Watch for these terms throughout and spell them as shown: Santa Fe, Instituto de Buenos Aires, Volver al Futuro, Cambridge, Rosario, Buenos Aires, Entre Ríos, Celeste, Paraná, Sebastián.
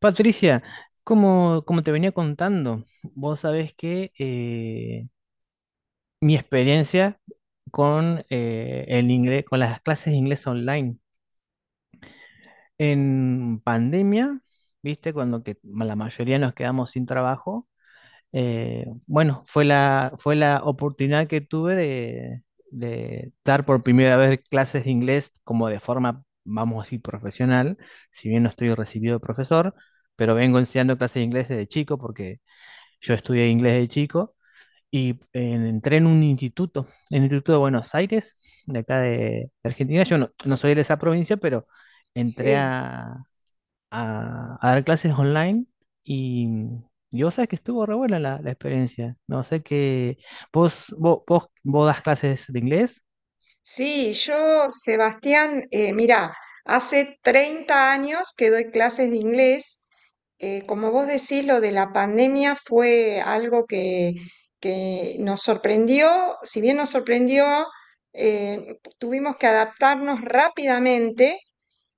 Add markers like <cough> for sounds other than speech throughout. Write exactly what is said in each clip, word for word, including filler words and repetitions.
Patricia, como, como te venía contando, vos sabés que eh, mi experiencia con, eh, el inglés, con las clases de inglés online en pandemia, viste, cuando que la mayoría nos quedamos sin trabajo, eh, bueno, fue la, fue la oportunidad que tuve de, de dar por primera vez clases de inglés como de forma, vamos a decir, profesional. Si bien no estoy recibido de profesor, pero vengo enseñando clases de inglés desde chico porque yo estudié inglés de chico y eh, entré en un instituto, en el Instituto de Buenos Aires, de acá de Argentina. Yo no, No soy de esa provincia, pero entré Sí, a, a- a dar clases online y, y vos sabés que estuvo re buena la, la experiencia. No sé que vos, vos, vos, vos das clases de inglés. sí, yo, Sebastián, eh, mira, hace treinta años que doy clases de inglés. Eh, como vos decís, lo de la pandemia fue algo que, que nos sorprendió. Si bien nos sorprendió, eh, tuvimos que adaptarnos rápidamente.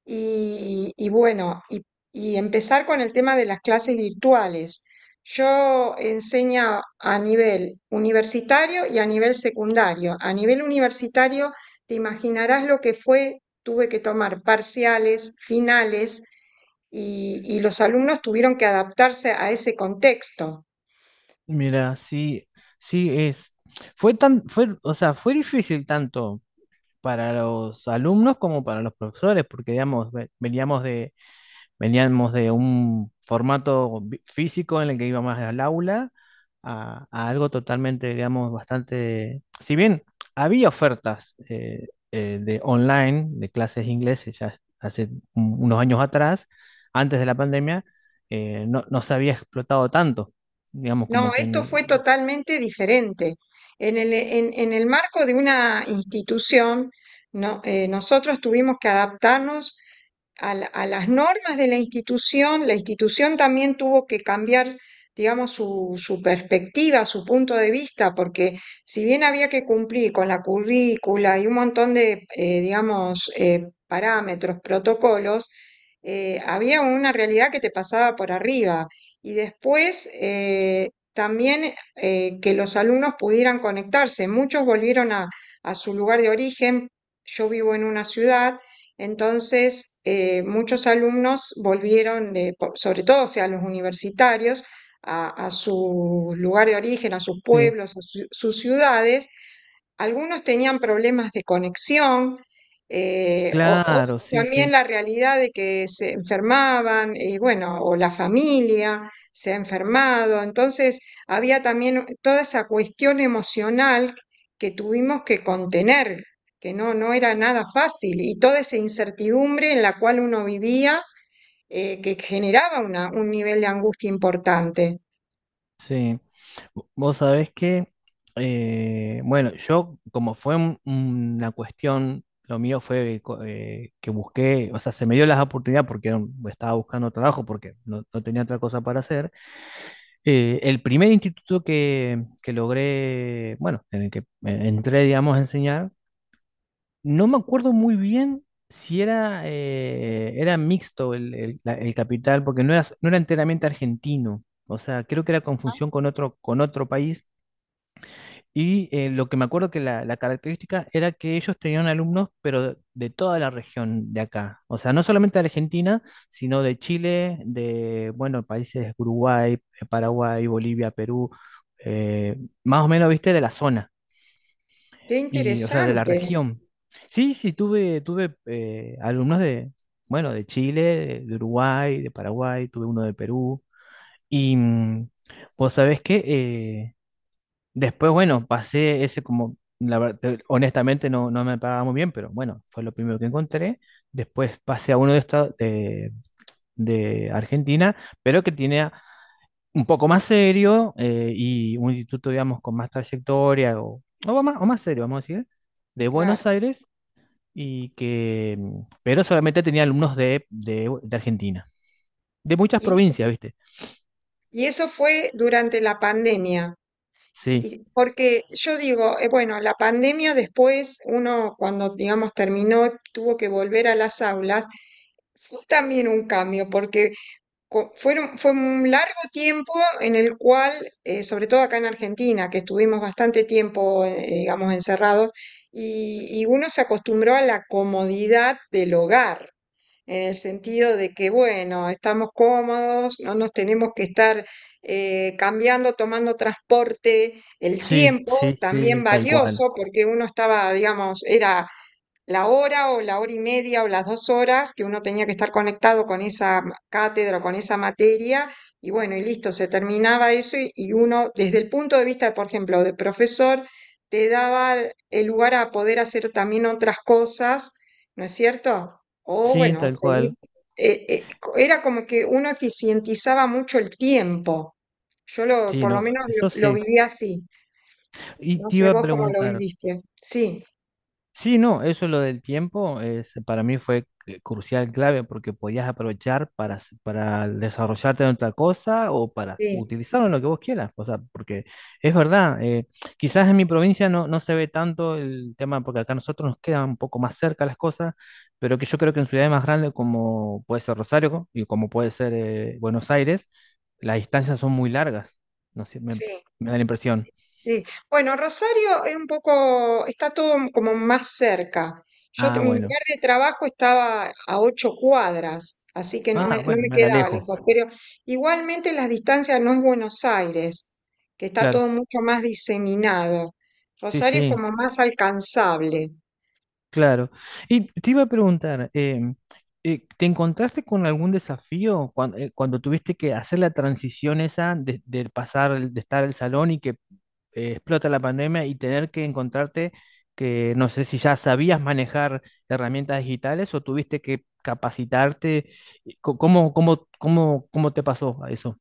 Y, y bueno, y, y empezar con el tema de las clases virtuales. Yo enseño a nivel universitario y a nivel secundario. A nivel universitario, te imaginarás lo que fue, tuve que tomar parciales, finales, y, y los alumnos tuvieron que adaptarse a ese contexto. Mira, sí, sí es. Fue tan, fue, o sea, fue difícil tanto para los alumnos como para los profesores, porque digamos, ve- veníamos de veníamos de un formato vi- físico en el que iba más al aula a, a algo totalmente, digamos, bastante... Si bien había ofertas eh, eh, de online, de clases de inglés, eh, ya hace un- unos años atrás, antes de la pandemia, eh, no, no se había explotado tanto, digamos, como No, que... en- esto el- fue totalmente diferente. En el, en- en el marco de una institución, no, eh, nosotros tuvimos que adaptarnos a, la- a las normas de la institución. La institución también tuvo que cambiar, digamos, su, su perspectiva, su punto de vista, porque si bien había que cumplir con la currícula y un montón de, eh, digamos, eh, parámetros, protocolos, eh, había una realidad que te pasaba por arriba. Y después, eh, también eh, que los alumnos pudieran conectarse. Muchos volvieron a, a su lugar de origen. Yo vivo en una ciudad, entonces eh, muchos alumnos volvieron, de- po- sobre todo, o sea, los universitarios, a, a su lugar de origen, a sus sí, pueblos, a su- sus ciudades. Algunos tenían problemas de conexión, eh, o- otros claro, sí, también sí. la realidad de que se enfermaban, y bueno, o la familia se ha enfermado. Entonces, había también toda esa cuestión emocional que tuvimos que contener, que no, no era nada fácil, y toda esa incertidumbre en la cual uno vivía, eh, que generaba una- un nivel de angustia importante. Sí. Vo- vos sabés que, eh, bueno, yo como fue un- una cuestión, lo mío fue co- eh, que busqué, o sea, se me dio las oportunidades porque era un- estaba buscando trabajo, porque no, no tenía otra cosa para hacer. Eh, el primer instituto que, que logré, bueno, en el que eh, entré, digamos, a enseñar, no me acuerdo muy bien si era, eh, era mixto el, el- la- el capital, porque no era, no era enteramente argentino. O sea, creo que era confusión con otro, con otro país, y eh, lo que me acuerdo que la, la característica era que ellos tenían alumnos, pero de toda la región de acá. O sea, no solamente de Argentina, sino de Chile, de, bueno, países Uruguay, eh, Paraguay, Bolivia, Perú, eh, más o menos, viste, de la zona, Qué y, o sea, de la interesante, región. Sí, sí, tuve, tuve eh, alumnos de, bueno, de Chile, de, de Uruguay, de Paraguay, tuve uno de Perú. Y mm, vos sabés que eh, después, bueno, pasé ese como, la ver- te- honestamente no, no me pagaba muy bien, pero bueno, fue lo primero que encontré. Después pasé a uno de esta- de, de Argentina, pero que tiene un poco más serio, eh, y un instituto, digamos, con más trayectoria o, o más, o más serio, vamos a decir, de claro. Buenos Aires, y que, mm, pero solamente tenía alumnos de, de, de Argentina, de muchas Y provincias, ¿viste? Y eso fue durante la pandemia. Sí, Y porque yo digo, eh, bueno, la pandemia después, uno cuando, digamos, terminó, tuvo que volver a las aulas, fue también un cambio, porque co- fueron, fue un largo tiempo en el cual, eh, sobre todo acá en Argentina, que estuvimos bastante tiempo, eh, digamos, encerrados, y, y uno se acostumbró a la comodidad del hogar en el sentido de que, bueno, estamos cómodos, no nos tenemos que estar eh, cambiando, tomando transporte, el sí, tiempo sí, también sí, tal cual. valioso, porque uno estaba, digamos, era la hora o la hora y media o las dos horas que uno tenía que estar conectado con esa cátedra o con esa materia, y bueno, y listo, se terminaba eso y, y uno, desde el punto de vista, por ejemplo, de profesor, te daba el lugar a poder hacer también otras cosas, ¿no es cierto? O Sí, bueno, tal seguir. cual. eh, eh, co- era como que uno eficientizaba mucho el tiempo. Yo lo, Sí, por lo no, menos eso lo, lo sí. viví así. Y No te sé iba a vos cómo lo preguntar, viviste. Sí, sí, no, eso lo del tiempo es, para mí fue eh, crucial, clave, porque podías aprovechar para, s- para desarrollarte en otra cosa o para sí, utilizarlo en lo que vos quieras. O sea, porque es verdad, eh, quizás en mi provincia no, no se ve tanto el tema, porque acá a nosotros nos quedan un poco más cerca las cosas, pero que yo creo que en ciudades más grandes como puede ser Rosario y como puede ser eh, Buenos Aires, las distancias son muy largas. No sé, me, sí. me da la impresión. Sí, bueno, Rosario es un poco, está todo como más cerca. Yo, te- Ah, mi bueno. lugar de trabajo estaba a ocho cuadras, así que no Ah, me, no bueno, me me la quedaba alejo. lejos, pero igualmente las distancias no es Buenos Aires, que está todo Claro, mucho más diseminado. sí, Rosario es sí, como más alcanzable. claro. Y te iba a preguntar, em, eh, ¿te encontraste con algún desafío cuan- eh, cuando tuviste que hacer la transición esa de, de pasar, el- de estar al salón y que eh, explota la pandemia y tener que encontrarte que no sé si ya sabías manejar herramientas digitales o tuviste que capacitarte? Y co- ¿Cómo, cómo, cómo, cómo te pasó a eso?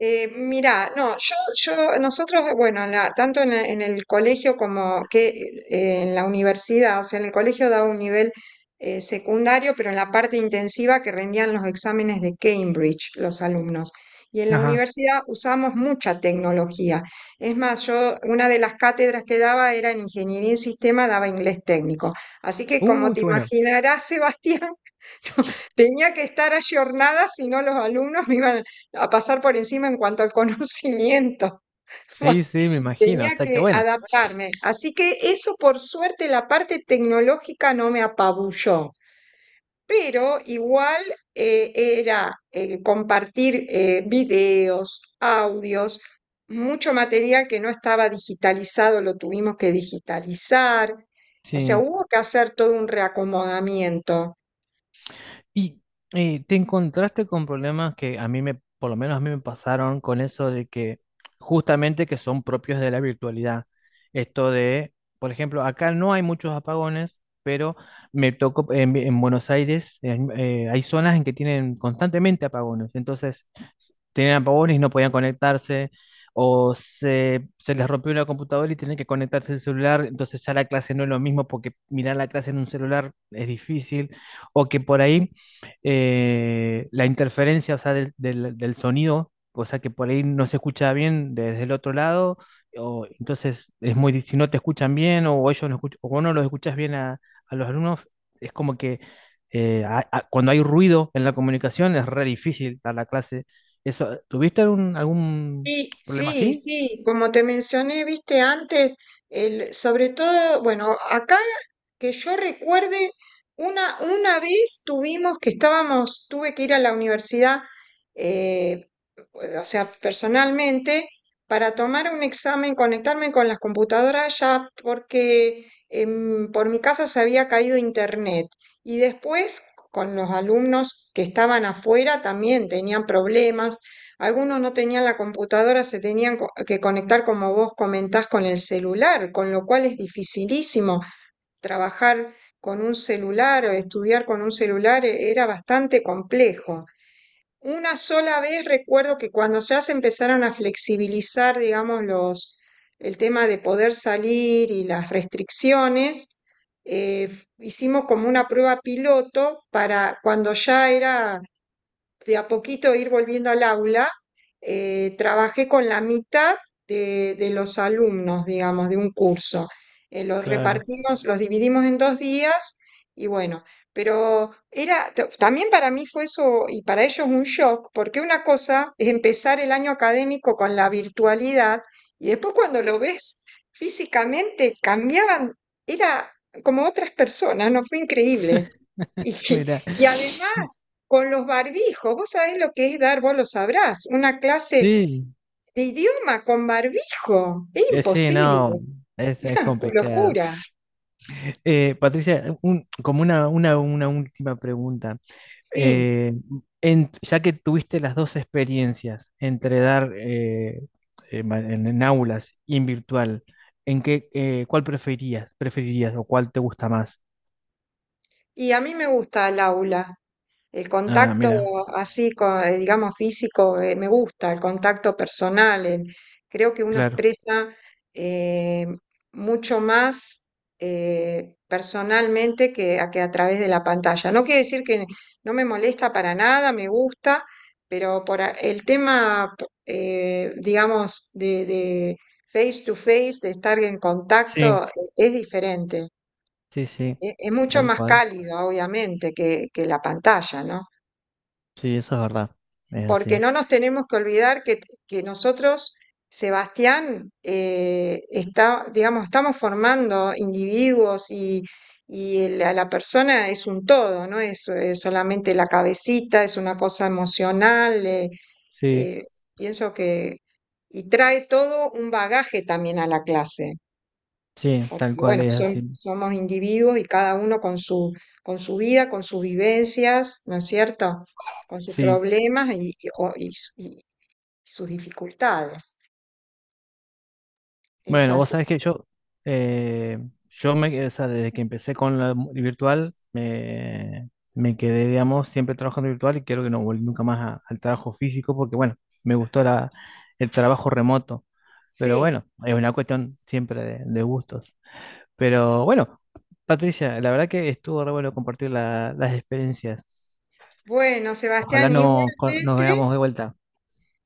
Eh, mirá, no, yo, yo, nosotros, bueno, en la- tanto en, el en el colegio como que eh, en la universidad, o sea, en el colegio daba un nivel eh, secundario, pero en la parte intensiva que rendían los exámenes de Cambridge los alumnos. Y en la Ajá. universidad usamos mucha tecnología. Es más, yo una de las cátedras que daba era en ingeniería en sistema, daba inglés técnico. Así que como Uy, te qué bueno. imaginarás, <laughs> Sebastián, tenía que estar ayornada, si no los alumnos me iban a pasar por encima en cuanto al conocimiento. <laughs> Bueno, Sí, sí, me imagino. O tenía sea, que que bueno. adaptarme. Así que eso, por suerte, la parte tecnológica no me apabulló, pero igual eh, era eh, compartir eh, videos, audios, mucho material que no estaba digitalizado, lo tuvimos que digitalizar. O sea, Sí. hubo que hacer todo un reacomodamiento. Y eh, te encontraste con problemas que a mí me, por lo menos a mí me pasaron con eso de que justamente que son propios de la virtualidad. Esto de, por ejemplo, acá no hay muchos apagones, pero me tocó en, en Buenos Aires, en- eh, hay zonas en que tienen constantemente apagones. Entonces, s- tenían apagones y no podían conectarse. O se, se les rompió la computadora y tienen que conectarse el celular, entonces ya la clase no es lo mismo porque mirar la clase en un celular es difícil, o que por ahí eh, la interferencia, o sea, del, del- del sonido, o sea, que por ahí no se escucha bien desde el otro lado, o entonces es muy, di- si no te escuchan bien o ellos no escuch- o vos no los escuchas bien a, a los alumnos, es como que eh, a- a- cuando hay ruido en la comunicación es re difícil dar la clase. Eso, ¿tuviste algún, algún Sí, problema sí, así? sí, como te mencioné, viste antes, el, sobre todo, bueno, acá que yo recuerde, una, una vez tuvimos que estábamos, tuve que ir a la universidad, eh, o sea, personalmente, para tomar un examen, conectarme con las computadoras ya, porque em, por mi casa se había caído internet. Y después, con los alumnos que estaban afuera, también tenían problemas. Algunos no tenían la computadora, se tenían co- que conectar, como vos comentás, con el celular, con lo cual es dificilísimo trabajar con un celular o estudiar con un celular eh, era bastante complejo. Una sola vez recuerdo que cuando ya se empezaron a flexibilizar, digamos, los, el tema de poder salir y las restricciones, eh, hicimos como una prueba piloto para cuando ya era de a poquito ir volviendo al aula, eh, trabajé con la mitad de, de los alumnos, digamos, de un curso. Eh, <laughs> los Claro. repartimos, los dividimos en dos días y bueno, pero era, t- también para mí fue eso y para ellos un shock, porque una cosa es empezar el año académico con la virtualidad y después cuando lo ves físicamente cambiaban, era como otras personas, ¿no? Fue increíble. Y, <laughs> Mira, y además, con los barbijos, vos sabés lo que es dar, vos lo sabrás, una clase sí, de idioma con barbijo. Es eh, sí, imposible, no, es, es <laughs> complicado. locura. Eh, Patricia, un- como una, una, una última pregunta. Sí, Eh, en- ya que tuviste las dos experiencias entre dar eh, eh, ma- en, en aulas y en virtual, ¿en qué, eh, cuál preferías, preferirías o cuál te gusta más? y a mí me gusta el aula. El Ah, contacto mira, así, co- eh, digamos, físico, eh, me gusta, el contacto personal. el- creo que uno claro. expresa eh, mucho más eh, personalmente que a, que a través de la pantalla. No quiere decir que no me molesta para nada, me gusta, pero por a- el tema, eh, digamos, de, de face to face, de estar en Sí, contacto, eh, es diferente. sí, sí, Es, es mucho tal más cual. cálido, obviamente, que, que la pantalla, ¿no? Sí, eso es verdad. Es Porque así. no nos tenemos que olvidar que, que nosotros, Sebastián, eh, está, digamos, estamos formando individuos y, y el- a la persona es un todo, no es, eh, solamente la cabecita, es una cosa emocional, eh, Sí, eh, pienso que, y trae todo un bagaje también a la clase. sí, tal Porque cual bueno, es son- así. somos individuos y cada uno con su, con su vida, con sus vivencias, ¿no es cierto? Con sus Sí. problemas y, y- o- y s- y sus dificultades. Es Bueno, vos así. sabés que yo, eh, yo me, o sea, desde que empecé con la mu- virtual, me, me quedé, digamos, siempre trabajando virtual y creo que no volví nunca más a- al trabajo físico porque, bueno, me gustó la, el trabajo remoto. Pero Sí. bueno, es una cuestión siempre de, de gustos. Pero bueno, Patricia, la verdad que estuvo re bueno compartir la- las experiencias. Bueno, Ojalá Sebastián, no, co- nos igualmente, veamos de vuelta.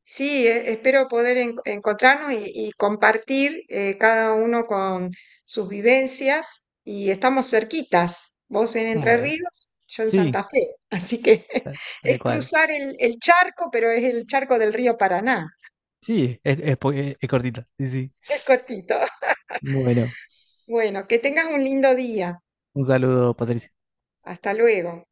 sí, e- espero poder en- encontrarnos y, y compartir eh, cada uno con sus vivencias y estamos cerquitas, vos en Entre Bueno, Ríos, yo en sí, Santa Fe. Así que <laughs> tal es tal cual. cruzar el, el charco, pero es el charco del río Paraná. Sí, es, es po- es- cortita. Sí, sí. Es cortito. <laughs> Bueno. Bueno, que tengas un lindo día. Un saludo, Patricia. Hasta luego.